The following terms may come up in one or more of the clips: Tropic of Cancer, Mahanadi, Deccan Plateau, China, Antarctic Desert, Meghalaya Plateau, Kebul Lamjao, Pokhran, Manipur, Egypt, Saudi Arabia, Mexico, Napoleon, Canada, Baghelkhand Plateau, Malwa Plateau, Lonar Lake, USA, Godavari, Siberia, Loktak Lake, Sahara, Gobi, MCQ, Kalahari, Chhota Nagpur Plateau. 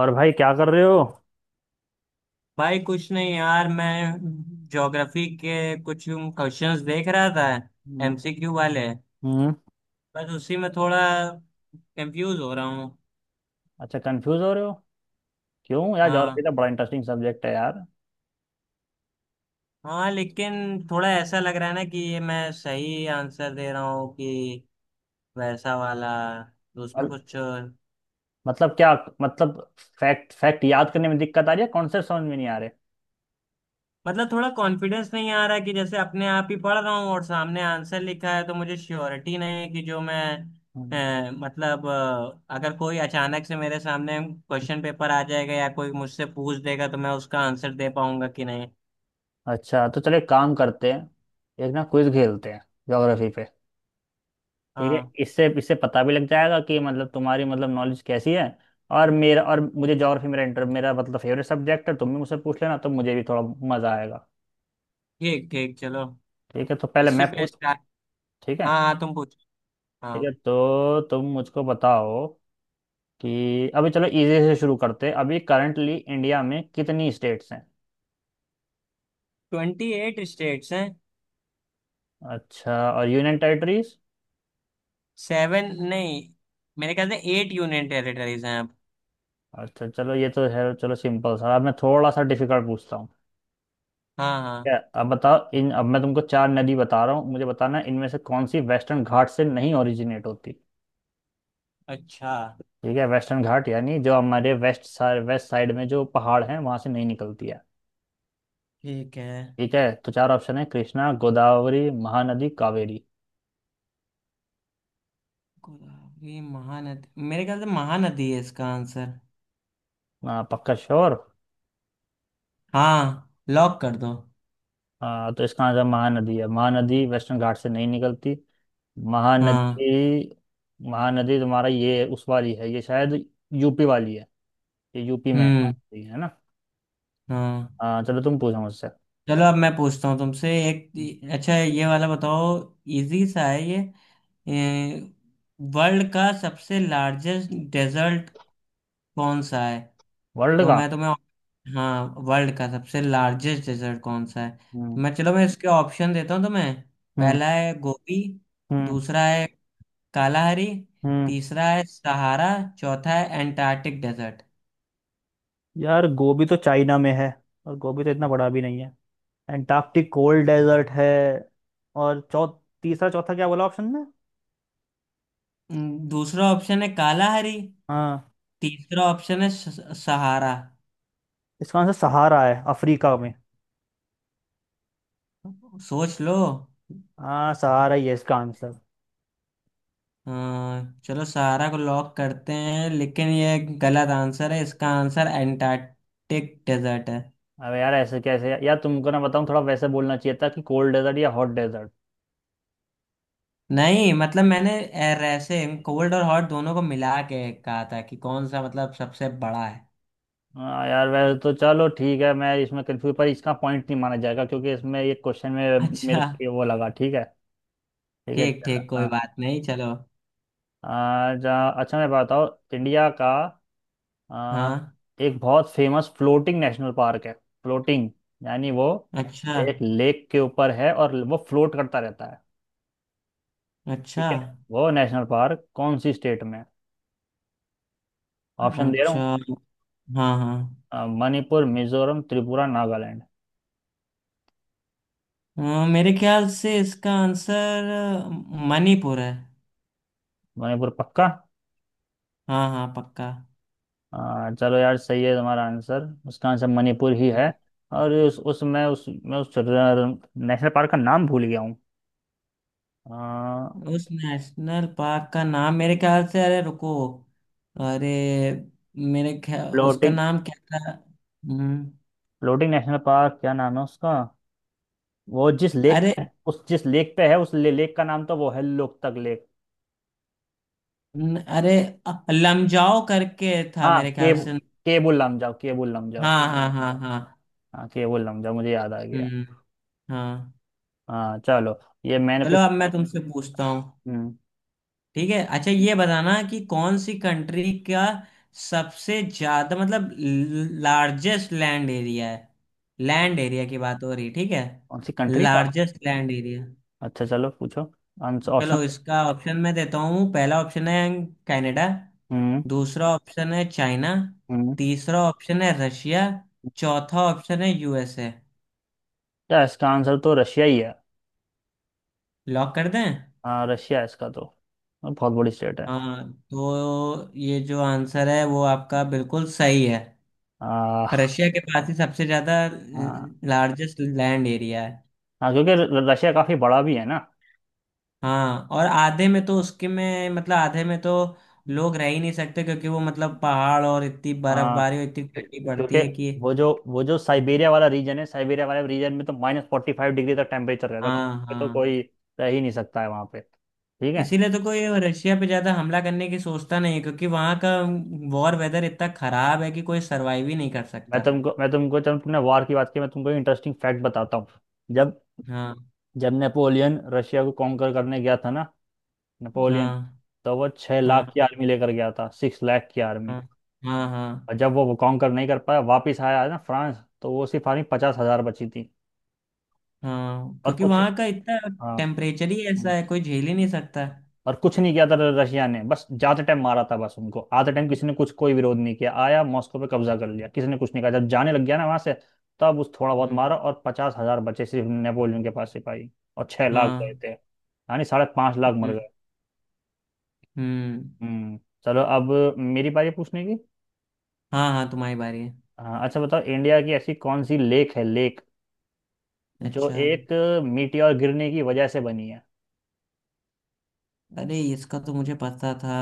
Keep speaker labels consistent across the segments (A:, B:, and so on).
A: और भाई क्या कर रहे हो?
B: भाई, कुछ नहीं यार, मैं ज्योग्राफी के कुछ क्वेश्चंस देख रहा था।
A: हम्म,
B: एमसीक्यू वाले।
A: हम्म।
B: बस उसी में थोड़ा कंफ्यूज हो रहा हूँ।
A: अच्छा, कंफ्यूज हो रहे हो? क्यों यार, ज्योग्राफी
B: हाँ,
A: तो बड़ा इंटरेस्टिंग सब्जेक्ट है यार।
B: हाँ लेकिन थोड़ा ऐसा लग रहा है ना कि ये मैं सही आंसर दे रहा हूँ कि वैसा वाला। तो उसमें
A: मल-
B: कुछ,
A: मतलब क्या? मतलब फैक्ट फैक्ट याद करने में दिक्कत आ रही है, कॉन्सेप्ट समझ में नहीं आ रहे?
B: मतलब थोड़ा कॉन्फिडेंस नहीं आ रहा है, कि जैसे अपने आप ही पढ़ रहा हूँ और सामने आंसर लिखा है, तो मुझे श्योरिटी नहीं है कि जो मैं,
A: हम्म।
B: मतलब, अगर कोई अचानक से मेरे सामने क्वेश्चन पेपर आ जाएगा या कोई मुझसे पूछ देगा तो मैं उसका आंसर दे पाऊंगा कि नहीं।
A: अच्छा, तो चलो एक काम करते हैं। एक ना क्विज खेलते हैं ज्योग्राफी पे, ठीक है?
B: हाँ।
A: इससे इससे पता भी लग जाएगा कि मतलब तुम्हारी नॉलेज कैसी है। और मेरा और मुझे ज्योग्राफी मेरा इंटर मेरा मतलब फेवरेट सब्जेक्ट है। तुम भी मुझसे पूछ लेना तो मुझे भी थोड़ा मजा आएगा।
B: ठीक, ठीक, चलो
A: ठीक है, तो पहले
B: इसी
A: मैं
B: पे
A: पूछ।
B: स्टार्ट।
A: ठीक है।
B: हाँ, हाँ, तुम पूछो।
A: ठीक है,
B: हाँ।
A: तो तुम मुझको बताओ कि अभी चलो इजी से शुरू करते हैं। अभी करंटली इंडिया में कितनी स्टेट्स हैं?
B: 28 स्टेट्स हैं।
A: अच्छा, और यूनियन टेरिटरीज?
B: 7 नहीं, मेरे ख्याल से 8 यूनियन टेरिटरीज हैं अब।
A: अच्छा, चलो ये तो है। चलो सिंपल सा। अब मैं थोड़ा सा डिफिकल्ट पूछता हूँ,
B: हाँ, हाँ।
A: ठीक है? अब बताओ इन, अब मैं तुमको चार नदी बता रहा हूँ, मुझे बताना है इनमें से कौन सी वेस्टर्न घाट से नहीं ओरिजिनेट होती।
B: अच्छा।
A: ठीक है? वेस्टर्न घाट यानी जो हमारे वेस्ट साइड, वेस्ट साइड में जो पहाड़ हैं वहां से नहीं निकलती है,
B: ठीक है।
A: ठीक है? तो चार ऑप्शन है, कृष्णा, गोदावरी, महानदी, कावेरी।
B: गोदावरी, महानदी, मेरे ख्याल से महानदी है इसका आंसर।
A: पक्का श्योर?
B: हाँ, लॉक कर दो।
A: हाँ, तो इसका आंसर महानदी है, महानदी वेस्टर्न घाट से नहीं निकलती।
B: हाँ।
A: महानदी, महानदी तुम्हारा ये उस वाली है, ये शायद यूपी वाली है। ये यूपी में है
B: हम्म।
A: महानदी, है ना?
B: हाँ।
A: हाँ, चलो तुम पूछो मुझसे।
B: चलो अब मैं पूछता हूँ तुमसे एक। अच्छा, ये वाला बताओ। इजी सा है ये। वर्ल्ड का सबसे लार्जेस्ट डेजर्ट कौन सा है?
A: वर्ल्ड
B: तो
A: का?
B: मैं तुम्हें। हाँ, वर्ल्ड का सबसे लार्जेस्ट डेजर्ट कौन सा है? तो
A: हम्म।
B: मैं, चलो मैं इसके ऑप्शन देता हूँ तुम्हें।
A: हम्म।
B: पहला है गोबी।
A: हम्म।
B: दूसरा है कालाहारी।
A: हम्म।
B: तीसरा है सहारा। चौथा है एंटार्क्टिक डेजर्ट।
A: यार, गोभी तो चाइना में है, और गोभी तो इतना बड़ा भी नहीं है। एंटार्क्टिक कोल्ड डेजर्ट है। और चौ, तीसरा चौथा क्या बोला ऑप्शन में?
B: दूसरा ऑप्शन है कालाहारी।
A: हाँ,
B: तीसरा ऑप्शन है सहारा।
A: इसका आंसर सहारा है, अफ्रीका में।
B: सोच लो।
A: हाँ, सहारा ही है इसका आंसर।
B: हाँ, चलो सहारा को लॉक करते हैं। लेकिन ये गलत आंसर है। इसका आंसर एंटार्क्टिक डेजर्ट है।
A: अबे यार, ऐसे कैसे? यार तुमको ना बताऊँ, थोड़ा वैसे बोलना चाहिए था कि कोल्ड डेजर्ट या हॉट डेजर्ट।
B: नहीं, मतलब मैंने ऐसे कोल्ड और हॉट दोनों को मिला के कहा था कि कौन सा, मतलब, सबसे बड़ा है।
A: हाँ यार, वैसे तो चलो ठीक है, मैं इसमें कंफ्यूज, पर इसका पॉइंट नहीं माना जाएगा क्योंकि इसमें ये क्वेश्चन में मेरे
B: अच्छा।
A: को ये वो लगा, ठीक है? ठीक है,
B: ठीक,
A: चलो
B: ठीक, कोई
A: हाँ।
B: बात नहीं, चलो।
A: अच्छा मैं बताओ, इंडिया का, आ,
B: हाँ।
A: एक बहुत फेमस फ्लोटिंग नेशनल पार्क है। फ्लोटिंग यानी वो
B: अच्छा।
A: एक लेक के ऊपर है और वो फ्लोट करता रहता है, ठीक
B: अच्छा।
A: है? वो नेशनल पार्क कौन सी स्टेट में है? ऑप्शन दे रहा
B: अच्छा।
A: हूँ।
B: हाँ, हाँ।
A: मणिपुर, मिजोरम, त्रिपुरा, नागालैंड।
B: मेरे ख्याल से इसका आंसर अ, मणिपुर है।
A: मणिपुर पक्का?
B: हाँ, हाँ, पक्का।
A: अ, चलो यार, सही है तुम्हारा आंसर, उसका आंसर मणिपुर ही है। और उस नेशनल पार्क का नाम भूल गया हूँ।
B: उस नेशनल पार्क का नाम मेरे ख्याल से, अरे रुको। अरे, मेरे ख्याल उसका
A: फ्लोटिंग,
B: नाम क्या था?
A: फ्लोटिंग नेशनल पार्क क्या नाम है उसका? वो जिस लेक,
B: अरे,
A: उस जिस लेक पे है उस लेक का नाम तो वो है लोकतक लेक।
B: अरे, लमजाओ करके था
A: हाँ,
B: मेरे ख्याल से।
A: Cable Lamjao, cable Lamjao.
B: हाँ, हाँ, हाँ, हाँ।
A: हाँ, केबुल लमजाओ, मुझे याद आ गया।
B: हम्म। हाँ।
A: हाँ, चलो। ये मैंने
B: चलो
A: पूछा
B: अब
A: था।
B: मैं तुमसे पूछता हूँ।
A: हम्म।
B: ठीक है। अच्छा, ये बताना कि कौन सी कंट्री का सबसे ज्यादा, मतलब, लार्जेस्ट लैंड एरिया है। लैंड एरिया की बात हो रही है, ठीक है।
A: कौन सी कंट्री का?
B: Largest land area.
A: अच्छा, चलो पूछो। आंसर
B: चलो
A: ऑप्शन।
B: इसका ऑप्शन मैं देता हूँ। पहला ऑप्शन है कनाडा।
A: हम्म।
B: दूसरा ऑप्शन है चाइना।
A: हम्म।
B: तीसरा ऑप्शन है रशिया। चौथा ऑप्शन है यूएसए।
A: क्या, इसका आंसर तो रशिया ही है।
B: लॉक कर दें?
A: हाँ, रशिया है इसका तो। बहुत बड़ी स्टेट है।
B: हाँ, तो ये जो आंसर है वो आपका बिल्कुल सही है।
A: हाँ।
B: रशिया के पास ही सबसे ज्यादा
A: हाँ।
B: लार्जेस्ट लैंड एरिया है।
A: हाँ, क्योंकि रशिया काफी बड़ा भी है ना?
B: हाँ, और आधे में तो उसके में, मतलब, आधे में तो
A: हम्म।
B: लोग रह ही नहीं सकते, क्योंकि वो मतलब पहाड़, और इतनी
A: हाँ,
B: बर्फबारी और इतनी ठंडी पड़ती
A: क्योंकि
B: है कि।
A: वो जो साइबेरिया वाला रीजन है, साइबेरिया वाले रीजन में तो माइनस 45 डिग्री तक टेम्परेचर रहता है, तो
B: हाँ,
A: ये तो
B: हाँ।
A: कोई रह ही नहीं सकता है वहाँ पे, ठीक है?
B: इसीलिए तो कोई रशिया पे ज्यादा हमला करने की सोचता नहीं है, क्योंकि वहां का वॉर वेदर इतना खराब है कि कोई सरवाइव ही नहीं कर
A: मैं
B: सकता।
A: तुमको मैं तुमको जब तुमने वार की बात की, मैं तुमको इंटरेस्टिंग फैक्ट बताता हूँ। जब
B: हाँ,
A: जब नेपोलियन रशिया को कॉन्कर करने गया था ना, नेपोलियन,
B: हाँ,
A: तो वो छह
B: हाँ,
A: लाख की आर्मी लेकर गया था, 6 लाख की आर्मी।
B: हाँ, हाँ, हाँ,
A: और जब वो कॉन्कर नहीं कर पाया, वापस आया ना फ्रांस, तो वो सिर्फ आर्मी 50 हज़ार बची थी।
B: हाँ।
A: और
B: क्योंकि
A: कुछ,
B: वहां का इतना
A: हाँ।
B: टेम्परेचर ही ऐसा
A: हाँ।
B: है, कोई झेल ही नहीं सकता।
A: हाँ। और कुछ नहीं किया था रशिया ने, बस जाते टाइम मारा था बस उनको। आते टाइम किसी ने कुछ कोई विरोध नहीं किया, आया मॉस्को पे कब्जा कर लिया, किसी ने कुछ नहीं कहा। जब जाने लग गया ना वहां से, तब उस थोड़ा बहुत
B: हम्म।
A: मारा और 50 हज़ार बचे सिर्फ नेपोलियन के पास सिपाही। और 6 लाख गए
B: हाँ।
A: थे, यानी 5.5 लाख मर
B: हम्म।
A: गए।
B: हम्म,
A: हम्म। चलो, अब मेरी बारी है पूछने की।
B: हाँ, हाँ, तुम्हारी बारी है।
A: हाँ, अच्छा बताओ, इंडिया की ऐसी कौन सी लेक है, लेक जो
B: अच्छा,
A: एक मीटियोर गिरने की वजह से बनी है।
B: अरे इसका तो मुझे पता था।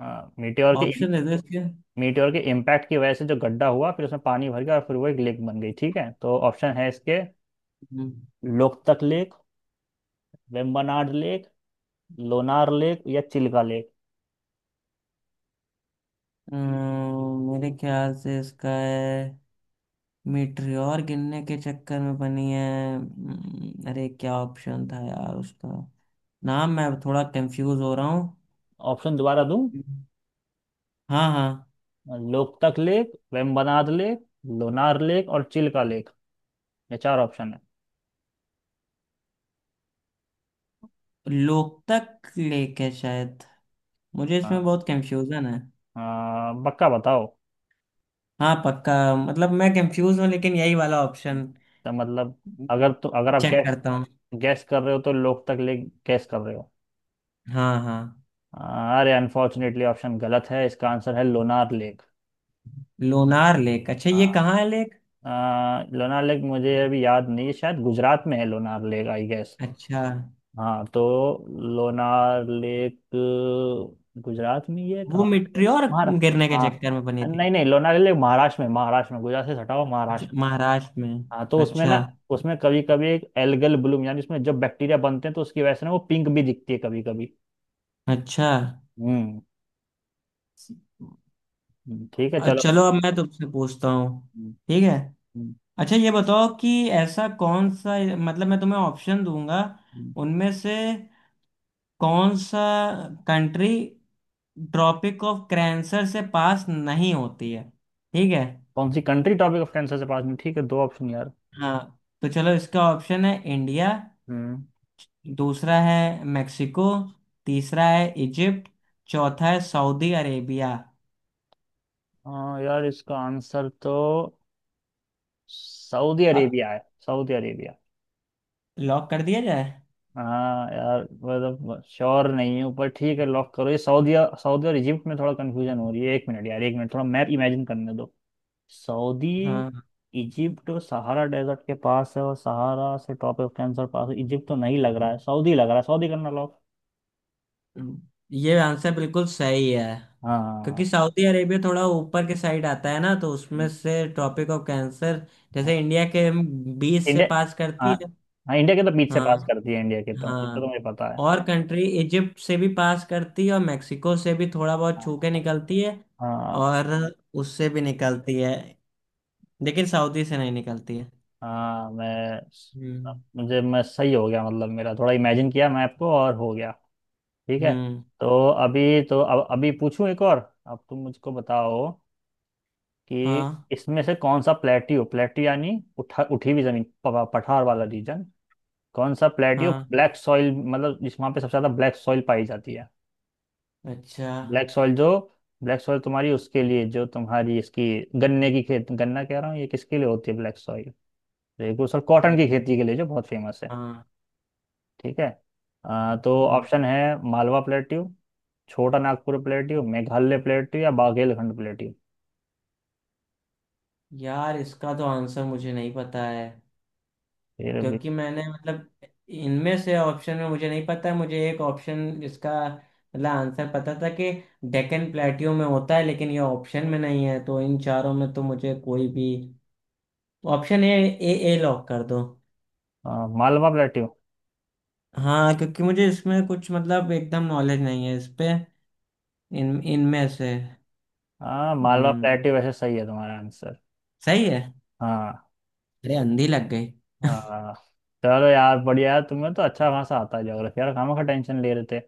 A: हाँ, मीटियोर के,
B: ऑप्शन दे दो इसके।
A: मीटियोर के इम्पैक्ट की वजह से जो गड्ढा हुआ, फिर उसमें पानी भर गया और फिर वो एक लेक बन गई, ठीक है? तो ऑप्शन है इसके,
B: हम्म,
A: Loktak lake, Vembanad lake, Lonar lake या चिल्का लेक।
B: मेरे ख्याल से इसका है, मीटरियोर गिरने के चक्कर में बनी है। अरे, क्या ऑप्शन था यार उसका नाम? मैं थोड़ा कंफ्यूज हो रहा हूँ।
A: ऑप्शन दोबारा दूं?
B: हम्म। हाँ, हाँ।
A: Loktak lake, Vembanad lake, Lonar lake और चिल्का लेक। ये चार ऑप्शन है।
B: लोकतक लेक है शायद। मुझे इसमें
A: हाँ।
B: बहुत कंफ्यूजन है।
A: हाँ, पक्का बताओ?
B: हाँ, पक्का। मतलब मैं कंफ्यूज हूँ लेकिन यही वाला ऑप्शन।
A: तो मतलब, अगर तो अगर आप
B: चेक करता हूँ।
A: गैस कर रहे हो, तो लोग तक लेक गैस कर रहे हो।
B: हाँ, हाँ।
A: अरे, अनफॉर्चुनेटली ऑप्शन गलत है, इसका आंसर है लोनार लेक।
B: लोनार लेक? अच्छा, ये
A: हाँ।
B: कहाँ है लेक?
A: अ, लोनार लेक मुझे अभी याद नहीं है, शायद गुजरात में है लोनार लेक, आई गेस।
B: अच्छा,
A: हाँ तो लोनार लेक गुजरात में ही है,
B: वो
A: कहाँ पे है?
B: मिट्टियोर
A: महाराष्ट्र।
B: गिरने के
A: हाँ।
B: चक्कर में बनी थी।
A: नहीं नहीं, लोनार लेक महाराष्ट्र में, महाराष्ट्र में, गुजरात से सटा हुआ
B: अच्छा,
A: महाराष्ट्र में।
B: महाराष्ट्र में।
A: हाँ, तो उसमें
B: अच्छा।
A: ना, उसमें कभी कभी एक एल्गल ब्लूम, यानी उसमें जब बैक्टीरिया बनते हैं तो उसकी वजह से ना वो पिंक भी दिखती है कभी कभी।
B: अच्छा
A: हम्म। ठीक है, चलो।
B: चलो अब मैं तुमसे पूछता हूँ।
A: हम्म,
B: ठीक है।
A: हम्म,
B: अच्छा, ये बताओ कि ऐसा कौन सा, मतलब, मैं तुम्हें ऑप्शन दूंगा,
A: हम्म।
B: उनमें से कौन सा कंट्री ट्रॉपिक ऑफ कैंसर से पास नहीं होती है। ठीक है।
A: कौन सी कंट्री टॉपिक ऑफ कैंसर से पास में, ठीक है, दो ऑप्शन यार।
B: हाँ। तो चलो, इसका ऑप्शन है इंडिया।
A: हम्म।
B: दूसरा है मेक्सिको। तीसरा है इजिप्ट। चौथा है सऊदी अरेबिया।
A: हाँ यार, इसका आंसर तो सऊदी
B: अब
A: अरेबिया है। Saudi Arabia.
B: लॉक कर दिया जाए?
A: हाँ यार, मतलब श्योर नहीं हूँ, पर ठीक है, लॉक करो ये सऊदी। सऊदी और इजिप्ट में थोड़ा कंफ्यूजन हो रही है, एक मिनट यार, एक मिनट, थोड़ा मैप इमेजिन करने दो। सऊदी,
B: हाँ,
A: इजिप्ट सहारा डेजर्ट के पास है, और सहारा से टॉपिक ऑफ कैंसर पास है। इजिप्ट तो नहीं लग रहा है, सऊदी लग रहा है, सऊदी करना लॉक।
B: ये आंसर बिल्कुल सही है।
A: हाँ।
B: क्योंकि सऊदी अरेबिया थोड़ा ऊपर के साइड आता है ना, तो उसमें से ट्रॉपिक ऑफ कैंसर, जैसे इंडिया के बीच से
A: इंडिया।
B: पास
A: हाँ,
B: करती है।
A: हाँ इंडिया के तो बीच से
B: हाँ,
A: पास कर दिए इंडिया के तो, इसको तो
B: हाँ।
A: मुझे पता है।
B: और कंट्री इजिप्ट से भी पास करती है, और मेक्सिको से भी थोड़ा बहुत छू
A: हाँ।
B: के निकलती है।
A: हाँ।
B: और उससे भी निकलती है, लेकिन सऊदी से नहीं निकलती है।
A: हाँ, मैं,
B: हम्म।
A: मुझे, मैं सही हो गया, मतलब मेरा थोड़ा इमेजिन किया मैं आपको और हो गया। ठीक है।
B: हम्म।
A: तो अभी तो, अब अभी पूछूं एक और, अब तुम मुझको बताओ कि
B: हाँ,
A: इसमें से कौन सा प्लेट्यू, प्लेट्यू यानी उठा, उठी हुई जमीन, पठार वाला रीजन, कौन सा प्लेट्यू
B: हाँ।
A: ब्लैक सॉइल, मतलब जिस वहाँ पे सबसे ज़्यादा ब्लैक सॉइल पाई जाती है।
B: अच्छा।
A: ब्लैक सॉइल जो, ब्लैक सॉइल तुम्हारी उसके लिए जो तुम्हारी इसकी गन्ने की खेत, गन्ना कह रहा हूँ, ये किसके लिए होती है ब्लैक सॉइल, तो एक दूसरा कॉटन
B: हम्म।
A: की खेती के लिए जो बहुत फेमस है।
B: हाँ।
A: ठीक है, तो
B: हम्म।
A: ऑप्शन है, Malwa plateau, Chota Nagpur plateau, Meghalaya plateau या बाघेलखंड प्लेट्यू।
B: यार, इसका तो आंसर मुझे नहीं पता है।
A: फिर भी?
B: क्योंकि मैंने मतलब इनमें से ऑप्शन में मुझे नहीं पता है। मुझे एक ऑप्शन इसका मतलब आंसर पता था कि डेक्कन प्लेटियो में होता है, लेकिन ये ऑप्शन में नहीं है। तो इन चारों में तो मुझे कोई भी ऑप्शन ए, ए लॉक कर दो।
A: अ, मालवा प्लेट्यू?
B: हाँ, क्योंकि मुझे इसमें कुछ मतलब एकदम नॉलेज नहीं है इस पे। इन इनमें से
A: हाँ, मालवा
B: हम्म।
A: प्लेट्यू, वैसे सही है तुम्हारा आंसर।
B: सही है।
A: हाँ।
B: अरे, अंधी लग गई।
A: हाँ चलो यार, बढ़िया है, तुम्हें तो अच्छा खासा आता है ज्योग्राफी यार, खामा खा टेंशन ले रहे थे।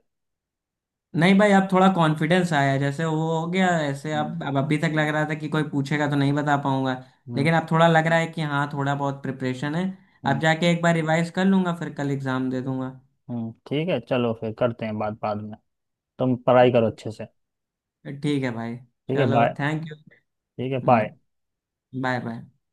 B: नहीं भाई, अब थोड़ा कॉन्फिडेंस आया, जैसे वो हो गया
A: हाँ,
B: ऐसे। अब
A: हम्म।
B: अब अभी तक लग रहा था कि कोई पूछेगा तो नहीं बता पाऊंगा।
A: हम्म,
B: लेकिन अब थोड़ा लग रहा है कि हाँ, थोड़ा बहुत प्रिपरेशन है। अब
A: हम्म।
B: जाके एक बार रिवाइज कर लूंगा, फिर कल एग्जाम दे दूंगा।
A: हम्म, ठीक है, चलो फिर करते हैं बात बाद में। तुम पढ़ाई करो अच्छे से।
B: ठीक है भाई।
A: ठीक है,
B: चलो,
A: बाय।
B: Thank you.
A: ठीक है, बाय।
B: हम्म। Bye, bye.